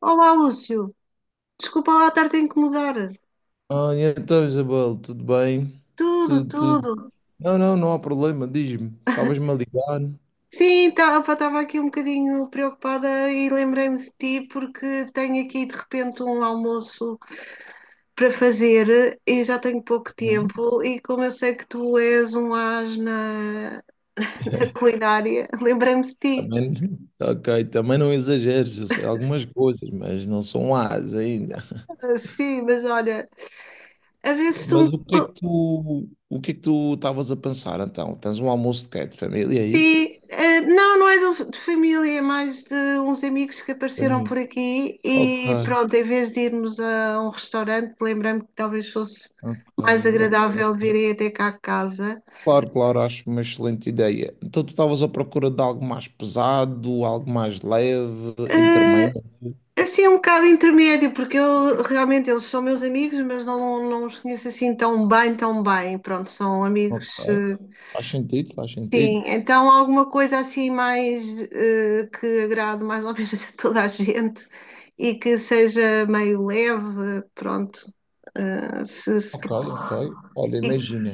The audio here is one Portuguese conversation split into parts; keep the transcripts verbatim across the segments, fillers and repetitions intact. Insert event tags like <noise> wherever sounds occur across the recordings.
Olá, Lúcio. Desculpa lá estar-te a incomodar. Olha, então, Isabel, tudo bem? Tudo, Tudo, tudo. tudo. Não, não, não há problema, diz-me. Estavas-me a ligar. Sim, estava aqui um bocadinho preocupada e lembrei-me de ti porque tenho aqui de repente um almoço para fazer e já tenho pouco Hum? tempo. E como eu sei que tu és um as na, <laughs> na culinária, lembrei-me de ti. Também, <laughs> ok, também não exageres, eu sei algumas coisas, mas não são as ainda. Ah, sim, mas olha, a ver se tu Mas me. o que é que tu, o que é que tu estavas a pensar então? Tens um almoço de quê? De família, é isso? Sim, eh, não, não é do- de família, é mais de uns amigos que apareceram Família. por aqui Ok, e pronto, em vez de irmos a um restaurante, lembrei-me que talvez fosse ok, mais agradável ok. virem até cá a casa. Claro, claro, acho uma excelente ideia. Então tu estavas à procura de algo mais pesado, algo mais leve, Eh, intermédio? assim, é um bocado intermédio, porque eu realmente eles são meus amigos, mas não, não os conheço assim tão bem, tão bem. Pronto, são Ok. amigos, eh, Faz sentido, faz sentido. Sim, então alguma coisa assim mais eh, que agrade mais ou <laughs> menos a toda a gente e que seja meio leve, pronto. Eh, se- se- Ok, ok. Olha, e- imagina.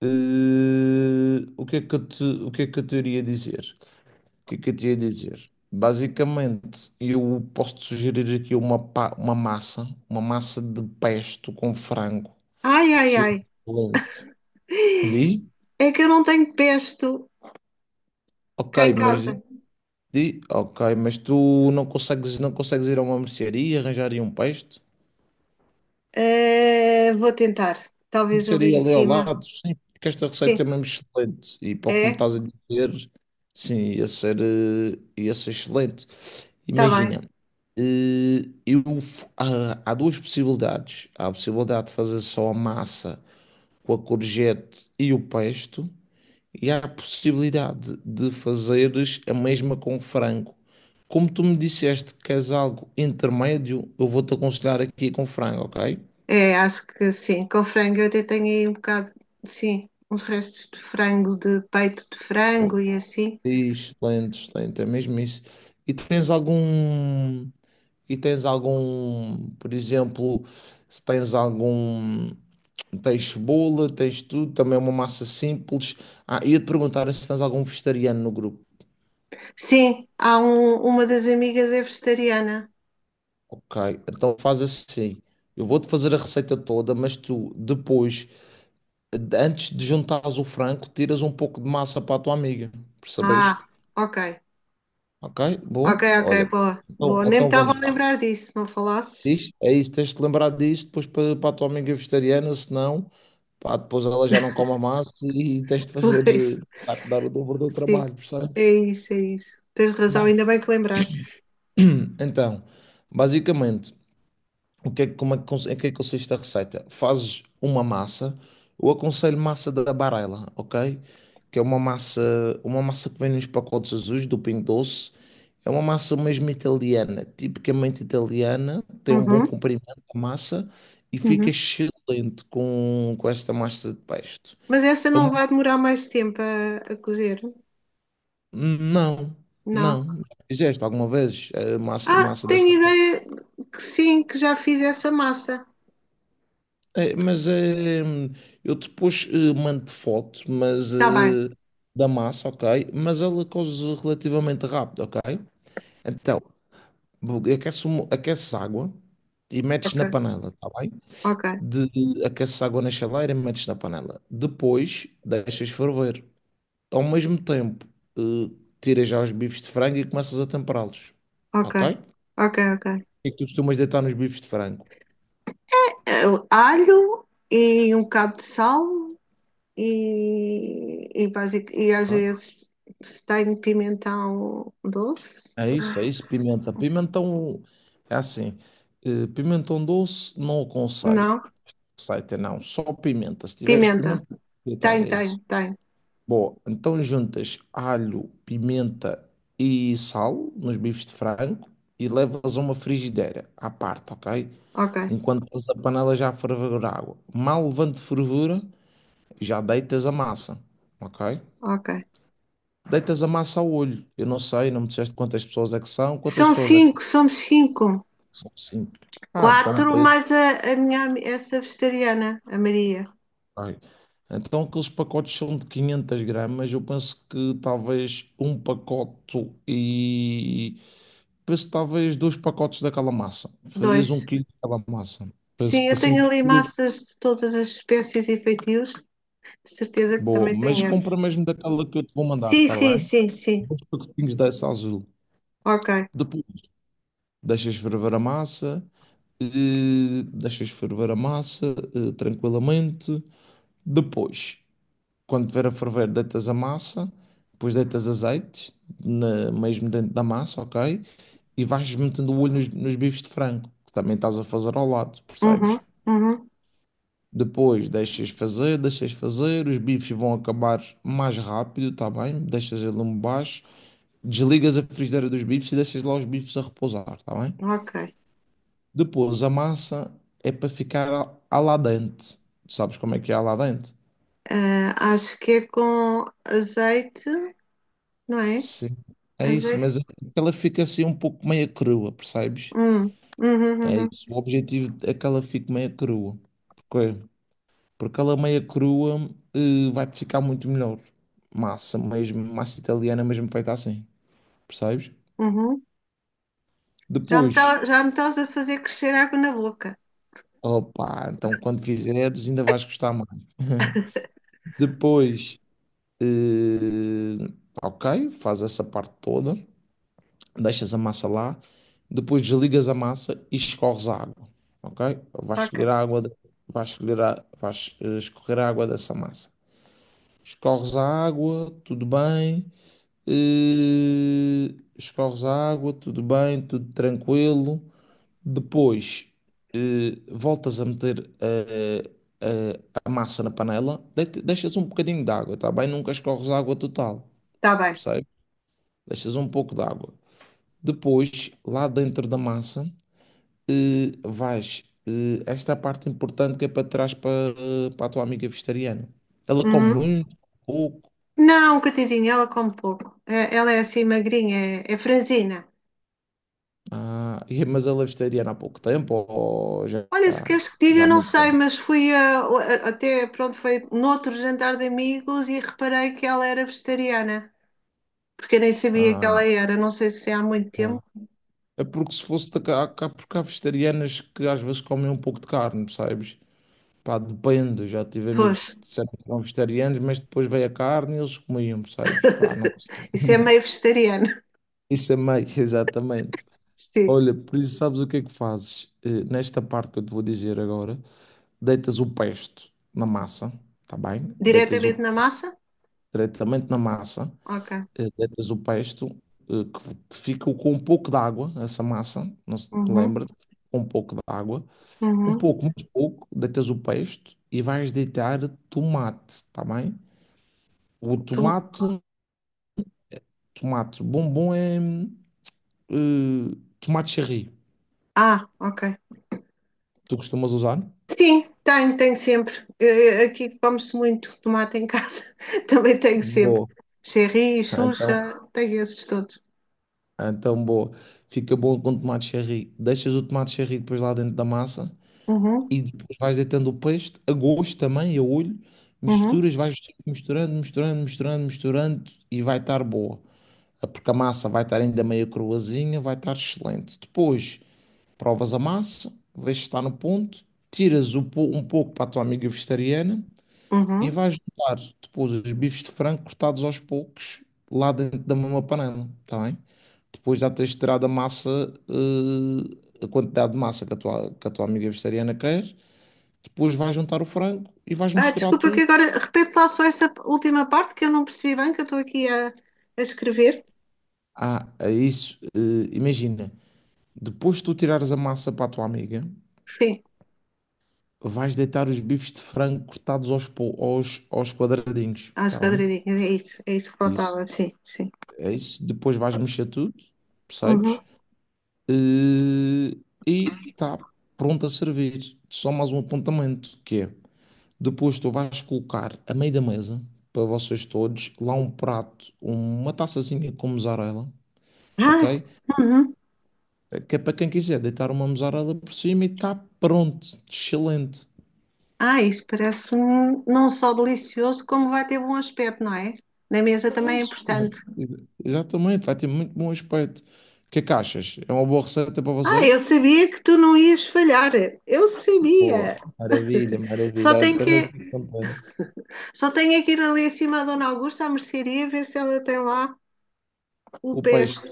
eh, o que é que eu te, o que é que eu te iria dizer? O que é que eu te ia dizer? Basicamente, eu posso te sugerir aqui uma, pa- uma massa, uma massa, de pesto com frango, Ai, ai, que é ai, excelente. Di? é que eu não tenho pesto Ok, cá em mas di, casa. di- ok, mas tu não consegues, não consegues ir a uma mercearia e arranjar aí um pesto? Eh, vou tentar, talvez ali Começaria em ali ao cima. lado, sim, porque esta Sim, receita é mesmo excelente. E para o que me é, estás a dizer, sim, ia ser, eh, ia ser excelente. tá bem. Imagina, eh, eu, f- há, há duas possibilidades. Há a possibilidade de fazer só a massa com a courgette e o pesto, e há a possibilidade de fazeres a mesma com frango. Como tu me disseste que queres algo intermédio, eu vou-te aconselhar aqui com frango, ok? É, acho que sim, com frango eu até tenho aí um bocado, sim, uns restos de frango, de peito de frango e assim. Excelente, excelente, é mesmo isso. E tens algum, e tens algum, por exemplo, se tens algum, tens cebola, tens tudo, também é uma massa simples. Ah, ia-te perguntar se tens algum vegetariano no grupo. Sim, há um- uma das amigas é vegetariana. Ok, então faz assim. Eu vou-te fazer a receita toda, mas tu depois, antes de juntares o frango, tiras um pouco de massa para a tua amiga. Ah, Percebeste? ok, Ok, ok, bom. ok, Olha, boa, então, boa. Nem me então estava vamos a lá. lembrar disso, não falasses? Isto- É isso, tens de te lembrar disso depois para, para a tua amiga vegetariana, senão, pá, depois ela já não come massa e tens de <laughs> fazer, Pois, eh, vai-te dar o dobro do sim, trabalho, percebes? é isso, é isso. Tens razão, Bem, ainda bem que lembraste. então, basicamente. O que é, como é que, cons- em que é que consiste a receita? Fazes uma massa, eu aconselho massa da Barela, ok? Que é uma massa, uma massa, que vem nos pacotes azuis do Pingo Doce. É uma massa mesmo italiana, tipicamente italiana, tem um bom Uhum, comprimento a massa e fica uhum. excelente com, com esta massa de pesto. Mas essa É não uma- vai demorar mais tempo a, a cozer? Não, Não. não. Já Fizeste alguma vez a massa, Ah, massa tenho desta? ideia que sim, que já fiz essa massa. É, mas eh, eu depois eh, mando foto, mas Tá bem, eh, da massa, ok? Mas ela coze relativamente rápido, ok? Então, aquece, uma- aquece água e metes ok, na panela, tá bem? ok, De, aqueces água na chaleira e metes na panela. Depois, deixas ferver. Ao mesmo tempo, eh, tiras já os bifes de frango e começas a temperá-los, ok, ok? O ok, ok. que é que tu costumas deitar nos bifes de frango? Eh, Alho e um bocado de sal e, e, basic, e às vezes se tem pimentão doce? É isso, é isso, pimenta. Pimentão é assim, eh, pimentão doce não aconselho. Não? Receita não, só pimenta. Se tiveres Pimenta. pimenta, deitar Tem, é tem, isso. tem. Bom, então juntas alho, pimenta e sal nos bifes de frango e levas a uma frigideira à parte, ok? Ok, Enquanto estás a panela já a ferver água. Mal levante fervura, já deitas a massa, ok? ok. Deitas a massa ao olho. Eu não sei, não me disseste quantas pessoas é que são, quantas São pessoas é que cinco, somos cinco. São cinco. Ah, tão Quatro preso. mais a, a minha, ami- essa vegetariana, a Maria. Ai. Então aqueles pacotes são de quinhentas gramas. Eu penso que talvez um pacote e... Penso que talvez dois pacotes daquela massa. Fazias um Dois. quilo daquela massa. Penso que Sim, eu para cinco tenho ali pessoas. massas de todas as espécies e feitios. De certeza que Boa. também Mas tem essa. compra mesmo daquela que eu te vou mandar, Sim, está sim, bem? sim, sim. Dois pacotinhos dessa azul. Ok. Depois deixas ferver a massa. Eh, Deixas ferver a massa eh, tranquilamente. Depois... Quando tiver a ferver, deitas a massa, depois deitas azeite, na- mesmo dentro da massa, ok? E vais metendo o olho nos, nos bifes de frango, que também estás a fazer ao lado, Uhum, percebes? uhum, Depois deixas fazer, deixas fazer, os bifes vão acabar mais rápido, tá bem? Deixas ele lume baixo, desligas a frigideira dos bifes e deixas lá os bifes a repousar, tá bem? ok. Depois a massa é para ficar al- al dente. Sabes como é que é al dente? Ah, acho que é com azeite, não é? Sim, é Mas isso, é. que- mas é que ela fica assim um pouco meia crua, percebes? Hum, uhum, É uhum, isso. O objetivo é que ela fique meia crua. Porquê? Porque ela meia crua eh, vai-te ficar muito melhor. Massa mesmo, massa italiana mesmo feita assim, percebes? uhum. Já me Depois, tá- já me estás a fazer crescer água na boca. opa, então quando fizeres ainda vais gostar mais. Depois, eh, ok, faz essa parte toda. deixas a massa lá, depois desligas a massa e escorres a água, ok? Vais Ok, escolher a água, de- vais escolher a, vais eh, escorrer a água dessa massa. Escorres a água, tudo bem, eh, escorres a água, tudo bem, tudo tranquilo. Depois, eh, voltas a meter eh, eh, a massa na panela, de- deixas um bocadinho de água, tá bem? Nunca escorres a água total, está bem. percebe? Deixas um pouco de água. Depois, lá dentro da massa, eh, vais, eh, esta é a parte importante que é para trás para, eh, para a tua amiga vegetariana. Ela come Uhum. muito, pouco, Não, coitadinha, ela come pouco. É- ela é assim magrinha, é, é franzina. ah, <laughs> e- mas ela é vegetariana há pouco tempo ou já, Olha, se queres que já diga, há não muito sei, tempo? mas fui a- a- até, pronto, foi noutro jantar de amigos e reparei que ela era vegetariana, porque eu nem sabia que Ah, ela era, não sei se é há muito ah. tempo. É porque se fosse da cá, cá- porque há vegetarianas que às vezes comem um pouco de carne, percebes? Pá, depende, já tive Pois, amigos que disseram que eram vegetarianos, mas depois veio a carne e eles comiam, percebes? Pá, não sei. isso é meio <laughs> vegetariano. Isso é meio, <laughs> exatamente. <laughs> Sim. Olha, por isso sabes o que é que fazes? Eh, nesta parte que eu te vou dizer agora, deitas o pesto na massa, tá bem? Deitas o Diretamente pesto na massa? diretamente na massa, Ok. eh, deitas o pesto eh, que, que fica com um pouco de água, essa massa, não se te Uhum, lembra? Com um pouco de água, um uhum. pouco, muito pouco, deitas o pesto e vais deitar tomate, tá bem? O Tu- tomate, tomate bombom é eh, tomate cherry. Ah, ok. Tu costumas usar? Sim, tenho, tenho sempre. Eh, eh, Aqui come-se muito tomate em casa. <laughs> Também tenho sempre. Boa. Cherry, <laughs> Então, Xuxa, tenho esses todos. Ah, Então, boa. Fica bom com tomate cherry. Deixas o tomate cherry depois lá dentro da massa Uhum, e depois vais deitando o peixe a gosto também, a olho. uhum, Misturas, vais misturando, misturando, misturando, misturando e vai estar boa. Ah, Porque a massa vai estar ainda meio cruazinha, vai estar excelente. Depois, provas a massa, vês se está no ponto, tiras o po- um pouco para a tua amiga vegetariana e uhum. vais botar depois os bifes de frango cortados aos poucos lá dentro da mesma panela, está bem? depois já tens de tirar da massa, eh, a quantidade de massa que a tua, que a tua amiga vegetariana quer, depois vais juntar o frango e vais Ah, misturar desculpa que tudo. agora repete lá só essa última parte que eu não percebi bem, que eu estou aqui a, a escrever. Ah, é isso, eh, imagina, depois de tu tirares a massa para a tua amiga, Sim, vais deitar os bifes de frango cortados aos, po- aos, aos quadradinhos, às está bem? quadradinhas, é isso, é isso que É Isso, faltava, sim, sim. é isso. Depois vais mexer tudo, Uhum. percebes? Eh, e está pronto a servir. Só mais um apontamento, que é Depois tu vais colocar a meio da mesa, para vocês todos, lá um prato, uma taçazinha com mussarela, Ah, ok? uhum. Que é para quem quiser deitar uma mussarela por cima e está pronto, excelente. Ah, isso parece, um, não só delicioso, como vai ter bom aspecto, não é? Na mesa também é Mas, importante. excelente. Exatamente, vai ter muito bom aspecto. O que é que achas? É uma boa receita para Ah, eu vocês? sabia que tu não ias falhar. Eu Boa, sabia. maravilha, Só maravilha. Olha, tenho também que, fico contente. só tenho é que ir ali acima da Dona Augusta à mercearia ver se ela tem lá o O peixe. pesto.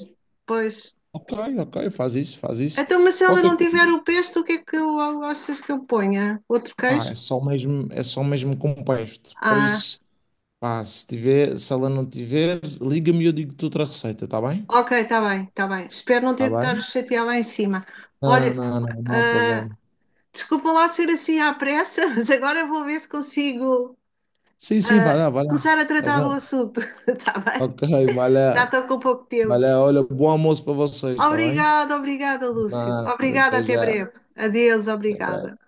Pois. Ok, ok, faz isso, faz isso. Então, mas se ela Qualquer não tiver coisa. o pesto, o que é que eu gostas que eu ponha? Outro Ah, queijo? é só mesmo, é só mesmo com peixe. Por Ah, isso. Pá, se tiver, se ela não tiver, liga-me e eu digo-te outra receita, está bem? ok, está bem, está bem. Espero não Está ter que estar a bem? chatear lá em cima. Não, Olha, não, não, não há ah, problema. desculpa lá ser assim à pressa, <laughs> mas agora vou ver se consigo Sim, sim, vai ah, lá, vai lá. começar a tratar do Aham. assunto. <laughs> Está bem? Ok, vai Já lá, estou com pouco vai tempo. lá. Olha, bom almoço para vocês, está bem? Obrigada, obrigada, Lúcio. Nada, Obrigada, até até já. breve. Adeus, Até obrigada. breve.